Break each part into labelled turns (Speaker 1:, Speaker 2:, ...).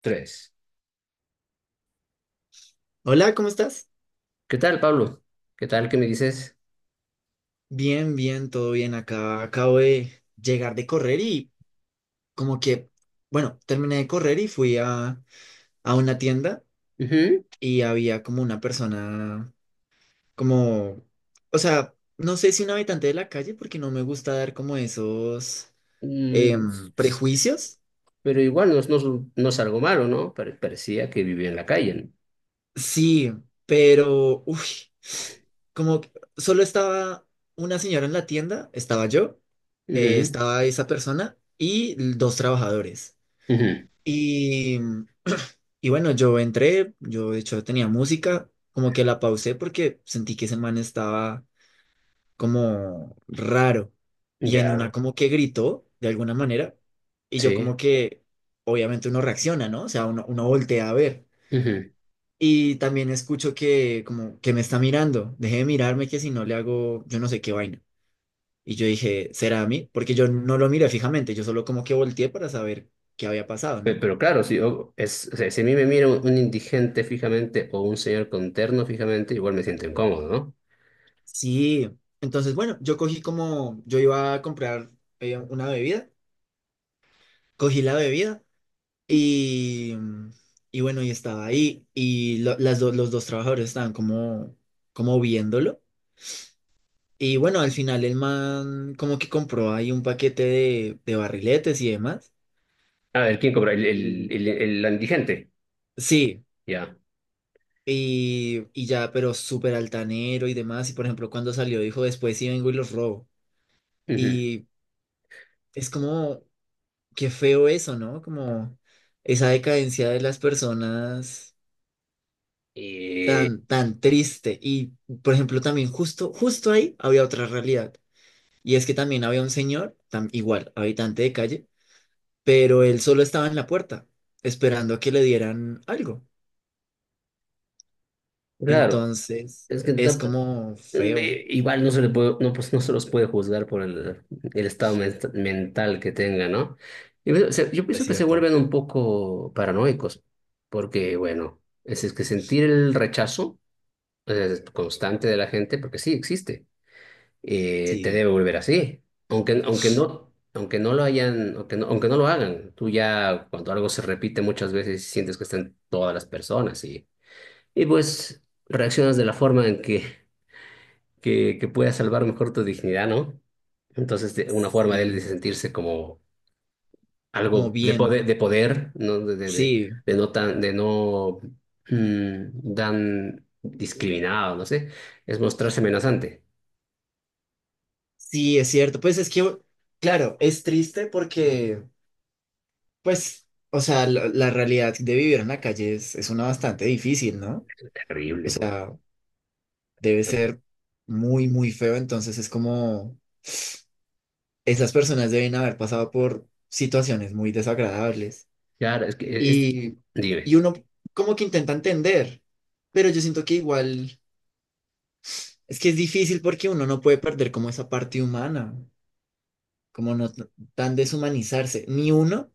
Speaker 1: Tres.
Speaker 2: Hola, ¿cómo estás?
Speaker 1: ¿Qué tal, Pablo? ¿Qué tal? ¿Qué me dices?
Speaker 2: Bien, bien, todo bien. Acá acabo de llegar de correr y como que, bueno, terminé de correr y fui a una tienda
Speaker 1: Ujú.
Speaker 2: y había como una persona, como, o sea, no sé si un habitante de la calle porque no me gusta dar como esos
Speaker 1: Mm.
Speaker 2: prejuicios.
Speaker 1: Pero igual no, no, no es algo malo, ¿no? Parecía que vivía en la calle, ¿no?
Speaker 2: Sí, pero, uy, como que solo estaba una señora en la tienda, estaba yo,
Speaker 1: Ujú,
Speaker 2: estaba esa persona y dos trabajadores.
Speaker 1: ujú.
Speaker 2: Y, y bueno, yo entré, yo de hecho tenía música, como que la pausé porque sentí que ese man estaba como raro. Y en
Speaker 1: Ya,
Speaker 2: una como que gritó de alguna manera. Y yo
Speaker 1: sí.
Speaker 2: como que, obviamente uno reacciona, ¿no? O sea, uno voltea a ver.
Speaker 1: Ujú.
Speaker 2: Y también escucho que como que me está mirando. Deje de mirarme que si no le hago, yo no sé qué vaina. Y yo dije, ¿será a mí? Porque yo no lo miré fijamente, yo solo como que volteé para saber qué había pasado,
Speaker 1: Pe-
Speaker 2: ¿no?
Speaker 1: Pero, claro, si, yo- es, o sea, si a mí me mira un indigente fijamente o un señor con terno fijamente, igual me siento incómodo, ¿no?
Speaker 2: Sí, entonces bueno, yo cogí como, yo iba a comprar una bebida, cogí la bebida y, y bueno, y estaba ahí y los dos trabajadores estaban como, como viéndolo y bueno, al final el man como que compró ahí un paquete de barriletes y demás.
Speaker 1: A ver, ¿quién cobra? El, el,
Speaker 2: Y-
Speaker 1: el, el indigente.
Speaker 2: Sí,
Speaker 1: Ya.
Speaker 2: y ya, pero súper altanero y demás y por ejemplo cuando salió dijo después sí vengo y los robo
Speaker 1: Ujú.
Speaker 2: y es como... qué feo eso, ¿no? Como esa decadencia de las personas
Speaker 1: Y
Speaker 2: tan, tan triste. Y, por ejemplo, también justo, justo ahí había otra realidad. Y es que también había un señor, igual, habitante de calle, pero él solo estaba en la puerta, esperando a que le dieran algo.
Speaker 1: claro,
Speaker 2: Entonces,
Speaker 1: es que
Speaker 2: es como feo,
Speaker 1: igual no se le puede, no, pues, no se los puede juzgar por el estado mental que tenga, ¿no? Y bueno, yo
Speaker 2: es
Speaker 1: pienso que se
Speaker 2: cierto.
Speaker 1: vuelven un poco paranoicos, porque, bueno, es que sentir el rechazo constante de la gente, porque sí existe, te
Speaker 2: Sí,
Speaker 1: debe volver así. Aunque no lo hagan, tú ya cuando algo se repite muchas veces sientes que están todas las personas y, pues reaccionas de la forma en que pueda salvar mejor tu dignidad, ¿no? Entonces, una forma de él de
Speaker 2: y
Speaker 1: sentirse como
Speaker 2: como
Speaker 1: algo
Speaker 2: bien.
Speaker 1: de poder, ¿no? De, de, de,
Speaker 2: Sí,
Speaker 1: de tan discriminado, no sé, es mostrarse amenazante.
Speaker 2: sí, es cierto. Pues es que, claro, es triste porque pues, o sea, la realidad de vivir en la calle es una bastante difícil, ¿no? O
Speaker 1: Terrible, pues.
Speaker 2: sea, debe ser muy, muy feo, entonces es como esas personas deben haber pasado por situaciones muy desagradables
Speaker 1: Claro, es que
Speaker 2: y, y
Speaker 1: dime.
Speaker 2: uno como que intenta entender, pero yo siento que igual es que es difícil porque uno no puede perder como esa parte humana, como no tan deshumanizarse, ni uno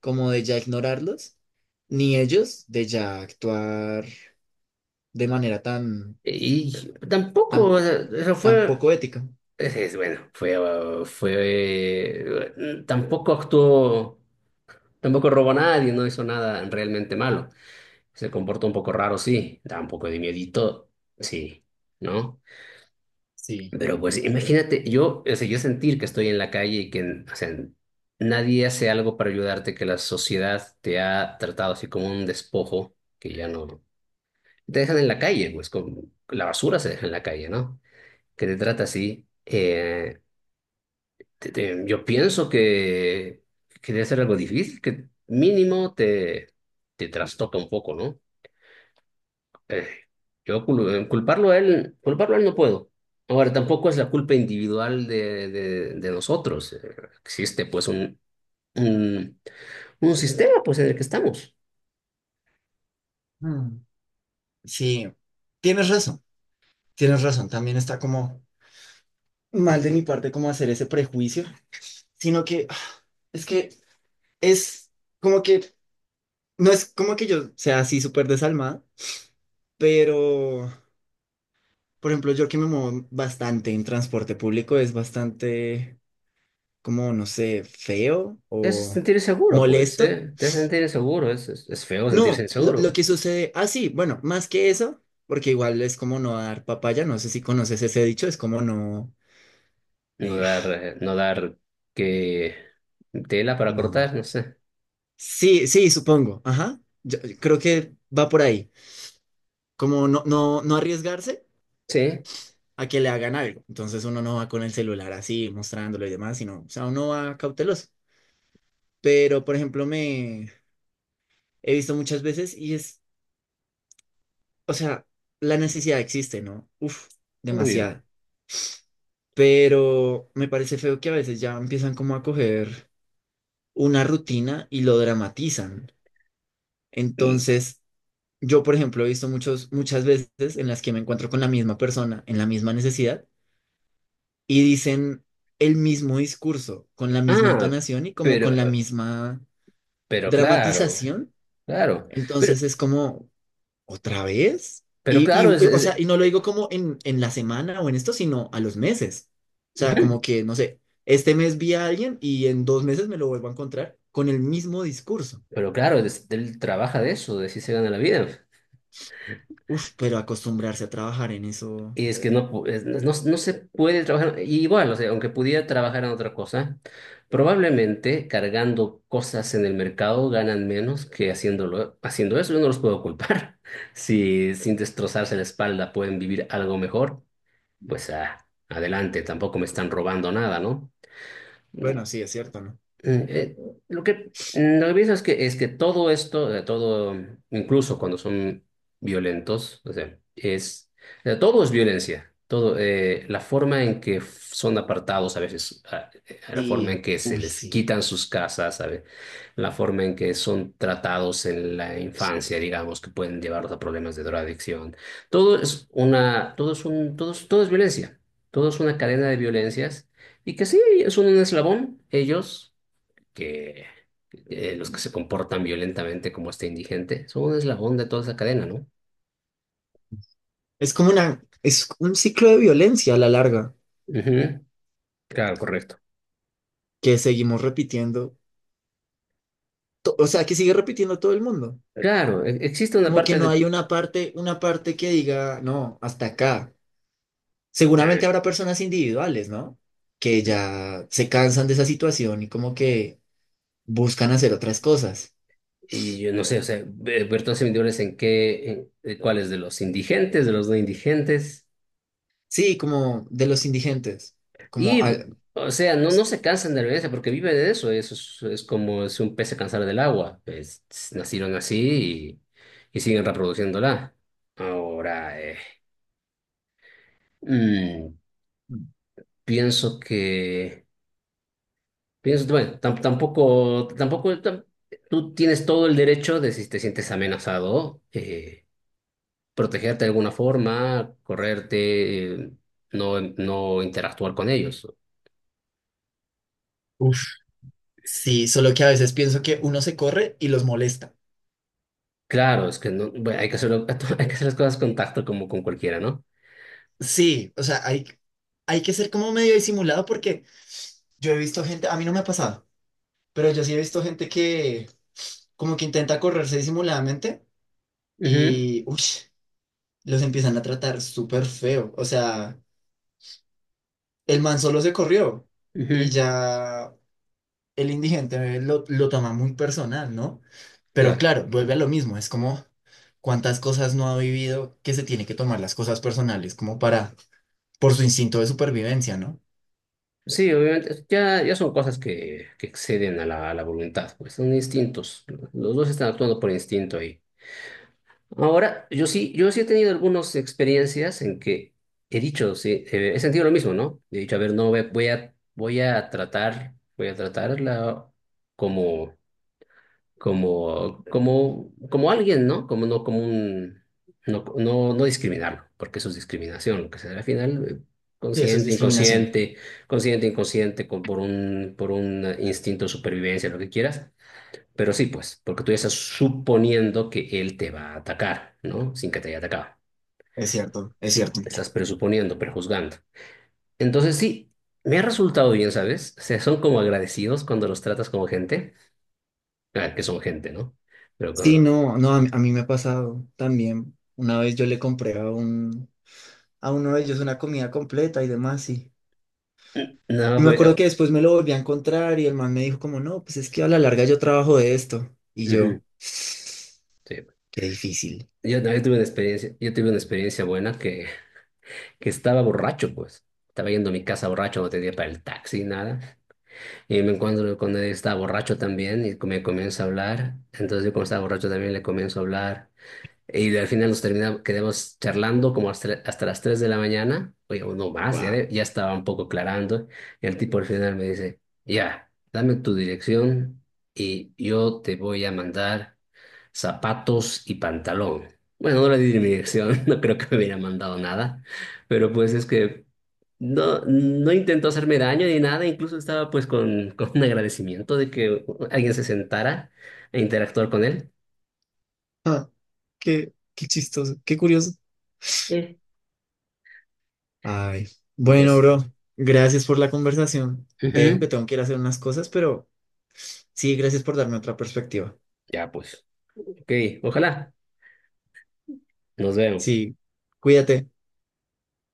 Speaker 2: como de ya ignorarlos, ni ellos de ya actuar de manera tan,
Speaker 1: Y tampoco,
Speaker 2: tan,
Speaker 1: o sea, eso
Speaker 2: tan
Speaker 1: fue,
Speaker 2: poco ética.
Speaker 1: bueno, fue, tampoco actuó, tampoco robó a nadie, no hizo nada realmente malo. Se comporta un poco raro, sí, da un poco de miedito, sí, ¿no?
Speaker 2: Sí.
Speaker 1: Pero pues imagínate, yo, o sea, yo sentir que estoy en la calle y que, o sea, nadie hace algo para ayudarte, que la sociedad te ha tratado así como un despojo, que ya no. Te dejan en la calle, pues, con la basura se deja en la calle, ¿no? Que te trata así. Yo pienso que debe ser algo difícil, que mínimo te trastoca un poco, ¿no? Eh, culparlo a él, culparlo a él no puedo. Ahora, tampoco es la culpa individual de nosotros. Existe pues un, un sistema pues en el que estamos.
Speaker 2: Mm, sí, tienes razón, tienes razón. También está como mal de mi parte como hacer ese prejuicio, sino que ah, es que es como que, no es como que yo sea así súper desalmada, pero, por ejemplo, yo que me muevo bastante en transporte público es bastante como, no sé, feo
Speaker 1: Es
Speaker 2: o
Speaker 1: sentir seguro, pues,
Speaker 2: molesto.
Speaker 1: ¿eh? Te hace sentir inseguro, es feo sentirse
Speaker 2: No, lo,
Speaker 1: inseguro,
Speaker 2: lo
Speaker 1: güey.
Speaker 2: que sucede, ah, sí, bueno, más que eso, porque igual es como no dar papaya, no sé si conoces ese dicho, es como no,
Speaker 1: No dar,
Speaker 2: ah,
Speaker 1: eh, no dar que tela para
Speaker 2: no,
Speaker 1: cortar, no sé.
Speaker 2: sí, sí, supongo, ajá, yo creo que va por ahí, como no, no, no arriesgarse
Speaker 1: Sí,
Speaker 2: a que le hagan algo, entonces uno no va con el celular así, mostrándolo y demás, sino, o sea, uno va cauteloso, pero, por ejemplo, me he visto muchas veces y es, o sea, la necesidad existe, ¿no? Uf,
Speaker 1: obvio.
Speaker 2: demasiada. Pero me parece feo que a veces ya empiezan como a coger una rutina y lo dramatizan.
Speaker 1: Mm.
Speaker 2: Entonces, yo, por ejemplo, he visto muchos, muchas veces en las que me encuentro con la misma persona, en la misma necesidad, y dicen el mismo discurso, con la misma
Speaker 1: Ah,
Speaker 2: entonación y como con la
Speaker 1: pero,
Speaker 2: misma
Speaker 1: pero claro,
Speaker 2: dramatización.
Speaker 1: claro. Pero,
Speaker 2: Entonces es como, ¿otra vez?
Speaker 1: pero
Speaker 2: Y,
Speaker 1: claro, es,
Speaker 2: o sea,
Speaker 1: es-
Speaker 2: y no lo digo como en la semana o en esto, sino a los meses. O sea,
Speaker 1: Ujú.
Speaker 2: como que, no sé, este mes vi a alguien y en dos meses me lo vuelvo a encontrar con el mismo discurso.
Speaker 1: Pero claro, él trabaja de eso, de si se gana la vida.
Speaker 2: Uf, pero acostumbrarse a trabajar en eso.
Speaker 1: Y es que no, no, no no se puede trabajar, y igual, o sea, aunque pudiera trabajar en otra cosa, probablemente cargando cosas en el mercado ganan menos que haciéndolo, haciendo eso. Yo no los puedo culpar. Si sin destrozarse la espalda pueden vivir algo mejor, pues ah, adelante, tampoco me están robando nada, ¿no? Mm.
Speaker 2: Bueno, sí, es cierto, ¿no?
Speaker 1: Eh, Eh, lo que pienso es que todo esto, todo, incluso cuando son violentos, o sea, todo es violencia. Todo, la forma en que son apartados a veces, a la forma en
Speaker 2: Sí,
Speaker 1: que se
Speaker 2: uy,
Speaker 1: les
Speaker 2: sí.
Speaker 1: quitan sus casas, ¿sabe? La forma en que son tratados en la infancia, digamos, que pueden llevarlos a problemas de drogadicción. Todo es una, todo es un, todo es violencia. Todo es una cadena de violencias. Y que sí, son un eslabón, ellos, que los que se comportan violentamente como este indigente son un eslabón de toda esa cadena, ¿no?
Speaker 2: Es como una, es un ciclo de violencia a la larga
Speaker 1: Ujú. Claro, correcto.
Speaker 2: que seguimos repitiendo, to- o sea, que sigue repitiendo todo el mundo.
Speaker 1: Claro, existe una
Speaker 2: Como que
Speaker 1: parte
Speaker 2: no
Speaker 1: de.
Speaker 2: hay una parte que diga, no, hasta acá.
Speaker 1: Ah.
Speaker 2: Seguramente habrá personas individuales, ¿no? Que ya se cansan de esa situación y como que buscan hacer otras cosas.
Speaker 1: Y yo no sé, o sea, ver todas individuales en qué, cuáles de los indigentes, de los no indigentes.
Speaker 2: Sí, como de los indigentes, como...
Speaker 1: Y,
Speaker 2: al-
Speaker 1: o sea, no, no se cansan de la violencia porque viven de eso. Eso es como si un pez se cansara del agua. Nacieron así y siguen reproduciéndola. Ahora, mm, pienso que... piensas bueno, tampoco tú tienes todo el derecho de si te sientes amenazado, protegerte de alguna forma, correrte, no, no interactuar con ellos.
Speaker 2: Uf, sí, solo que a veces pienso que uno se corre y los molesta.
Speaker 1: Claro, es que no, bueno, hay que hacerlo, hay que hacer las cosas con tacto como con cualquiera, ¿no?
Speaker 2: Sí, o sea, hay que ser como medio disimulado porque yo he visto gente, a mí no me ha pasado, pero yo sí he visto gente que como que intenta correrse disimuladamente y, uy, los empiezan a tratar súper feo. O sea... el man solo se corrió
Speaker 1: Ujú,
Speaker 2: y
Speaker 1: ujú.
Speaker 2: ya el indigente lo toma muy personal, ¿no? Pero
Speaker 1: Claro.
Speaker 2: claro, vuelve a lo mismo, es como cuántas cosas no ha vivido que se tiene que tomar las cosas personales como para, por su instinto de supervivencia, ¿no?
Speaker 1: Sí, obviamente, ya son cosas que exceden a la voluntad, pues son instintos. Los dos están actuando por instinto. Ahora, yo sí he tenido algunas experiencias en que he dicho, sí, he sentido lo mismo, ¿no? He dicho, a ver, no, voy a tratarla como, como alguien, ¿no? No, no, no discriminarlo, porque eso es discriminación, lo que se da al final,
Speaker 2: Y eso es
Speaker 1: consciente,
Speaker 2: discriminación,
Speaker 1: inconsciente, consciente, inconsciente, por un instinto de supervivencia, lo que quieras. Pero sí, pues, porque tú ya estás suponiendo que él te va a atacar, ¿no? Sin que te haya atacado.
Speaker 2: es cierto, es cierto.
Speaker 1: Estás presuponiendo, prejuzgando. Entonces sí, me ha resultado bien, ¿sabes? O sea, son como agradecidos cuando los tratas como gente. Ah, que son gente, ¿no? Pero
Speaker 2: Sí,
Speaker 1: cuando.
Speaker 2: no, no, a mí me ha pasado también. Una vez yo le compré a un, a uno de ellos una comida completa y demás,
Speaker 1: No,
Speaker 2: y
Speaker 1: no,
Speaker 2: me
Speaker 1: pues.
Speaker 2: acuerdo que después me lo volví a encontrar y el man me dijo como, no, pues es que a la larga yo trabajo de esto. Y
Speaker 1: Ujú,
Speaker 2: yo,
Speaker 1: sí.
Speaker 2: qué difícil.
Speaker 1: Yo también tuve una experiencia, yo tuve una experiencia buena que, estaba borracho, pues. Estaba yendo a mi casa borracho, no tenía para el taxi, nada. Y me encuentro con él, está borracho también y me comienza a hablar. Entonces yo como estaba borracho también le comienzo a hablar. Y al final nos terminamos, quedamos charlando como hasta, las 3 de la mañana, oye, o no más, ya,
Speaker 2: Wow.
Speaker 1: ya estaba un poco aclarando. Y el tipo al final me dice, ya, dame tu dirección y yo te voy a mandar zapatos y pantalón. Bueno, no le di mi dirección, no creo que me hubiera mandado nada, pero pues es que no, no intentó hacerme daño ni nada, incluso estaba pues con, con un agradecimiento de que alguien se sentara a interactuar con él.
Speaker 2: Ah, qué, qué chistoso, qué curioso.
Speaker 1: Es-
Speaker 2: Ay, bueno,
Speaker 1: Pues,
Speaker 2: bro, gracias por la conversación. Te dejo que
Speaker 1: ujú.
Speaker 2: tengo que ir a hacer unas cosas, pero sí, gracias por darme otra perspectiva.
Speaker 1: Ya pues. Ok, ojalá. Nos vemos.
Speaker 2: Sí, cuídate.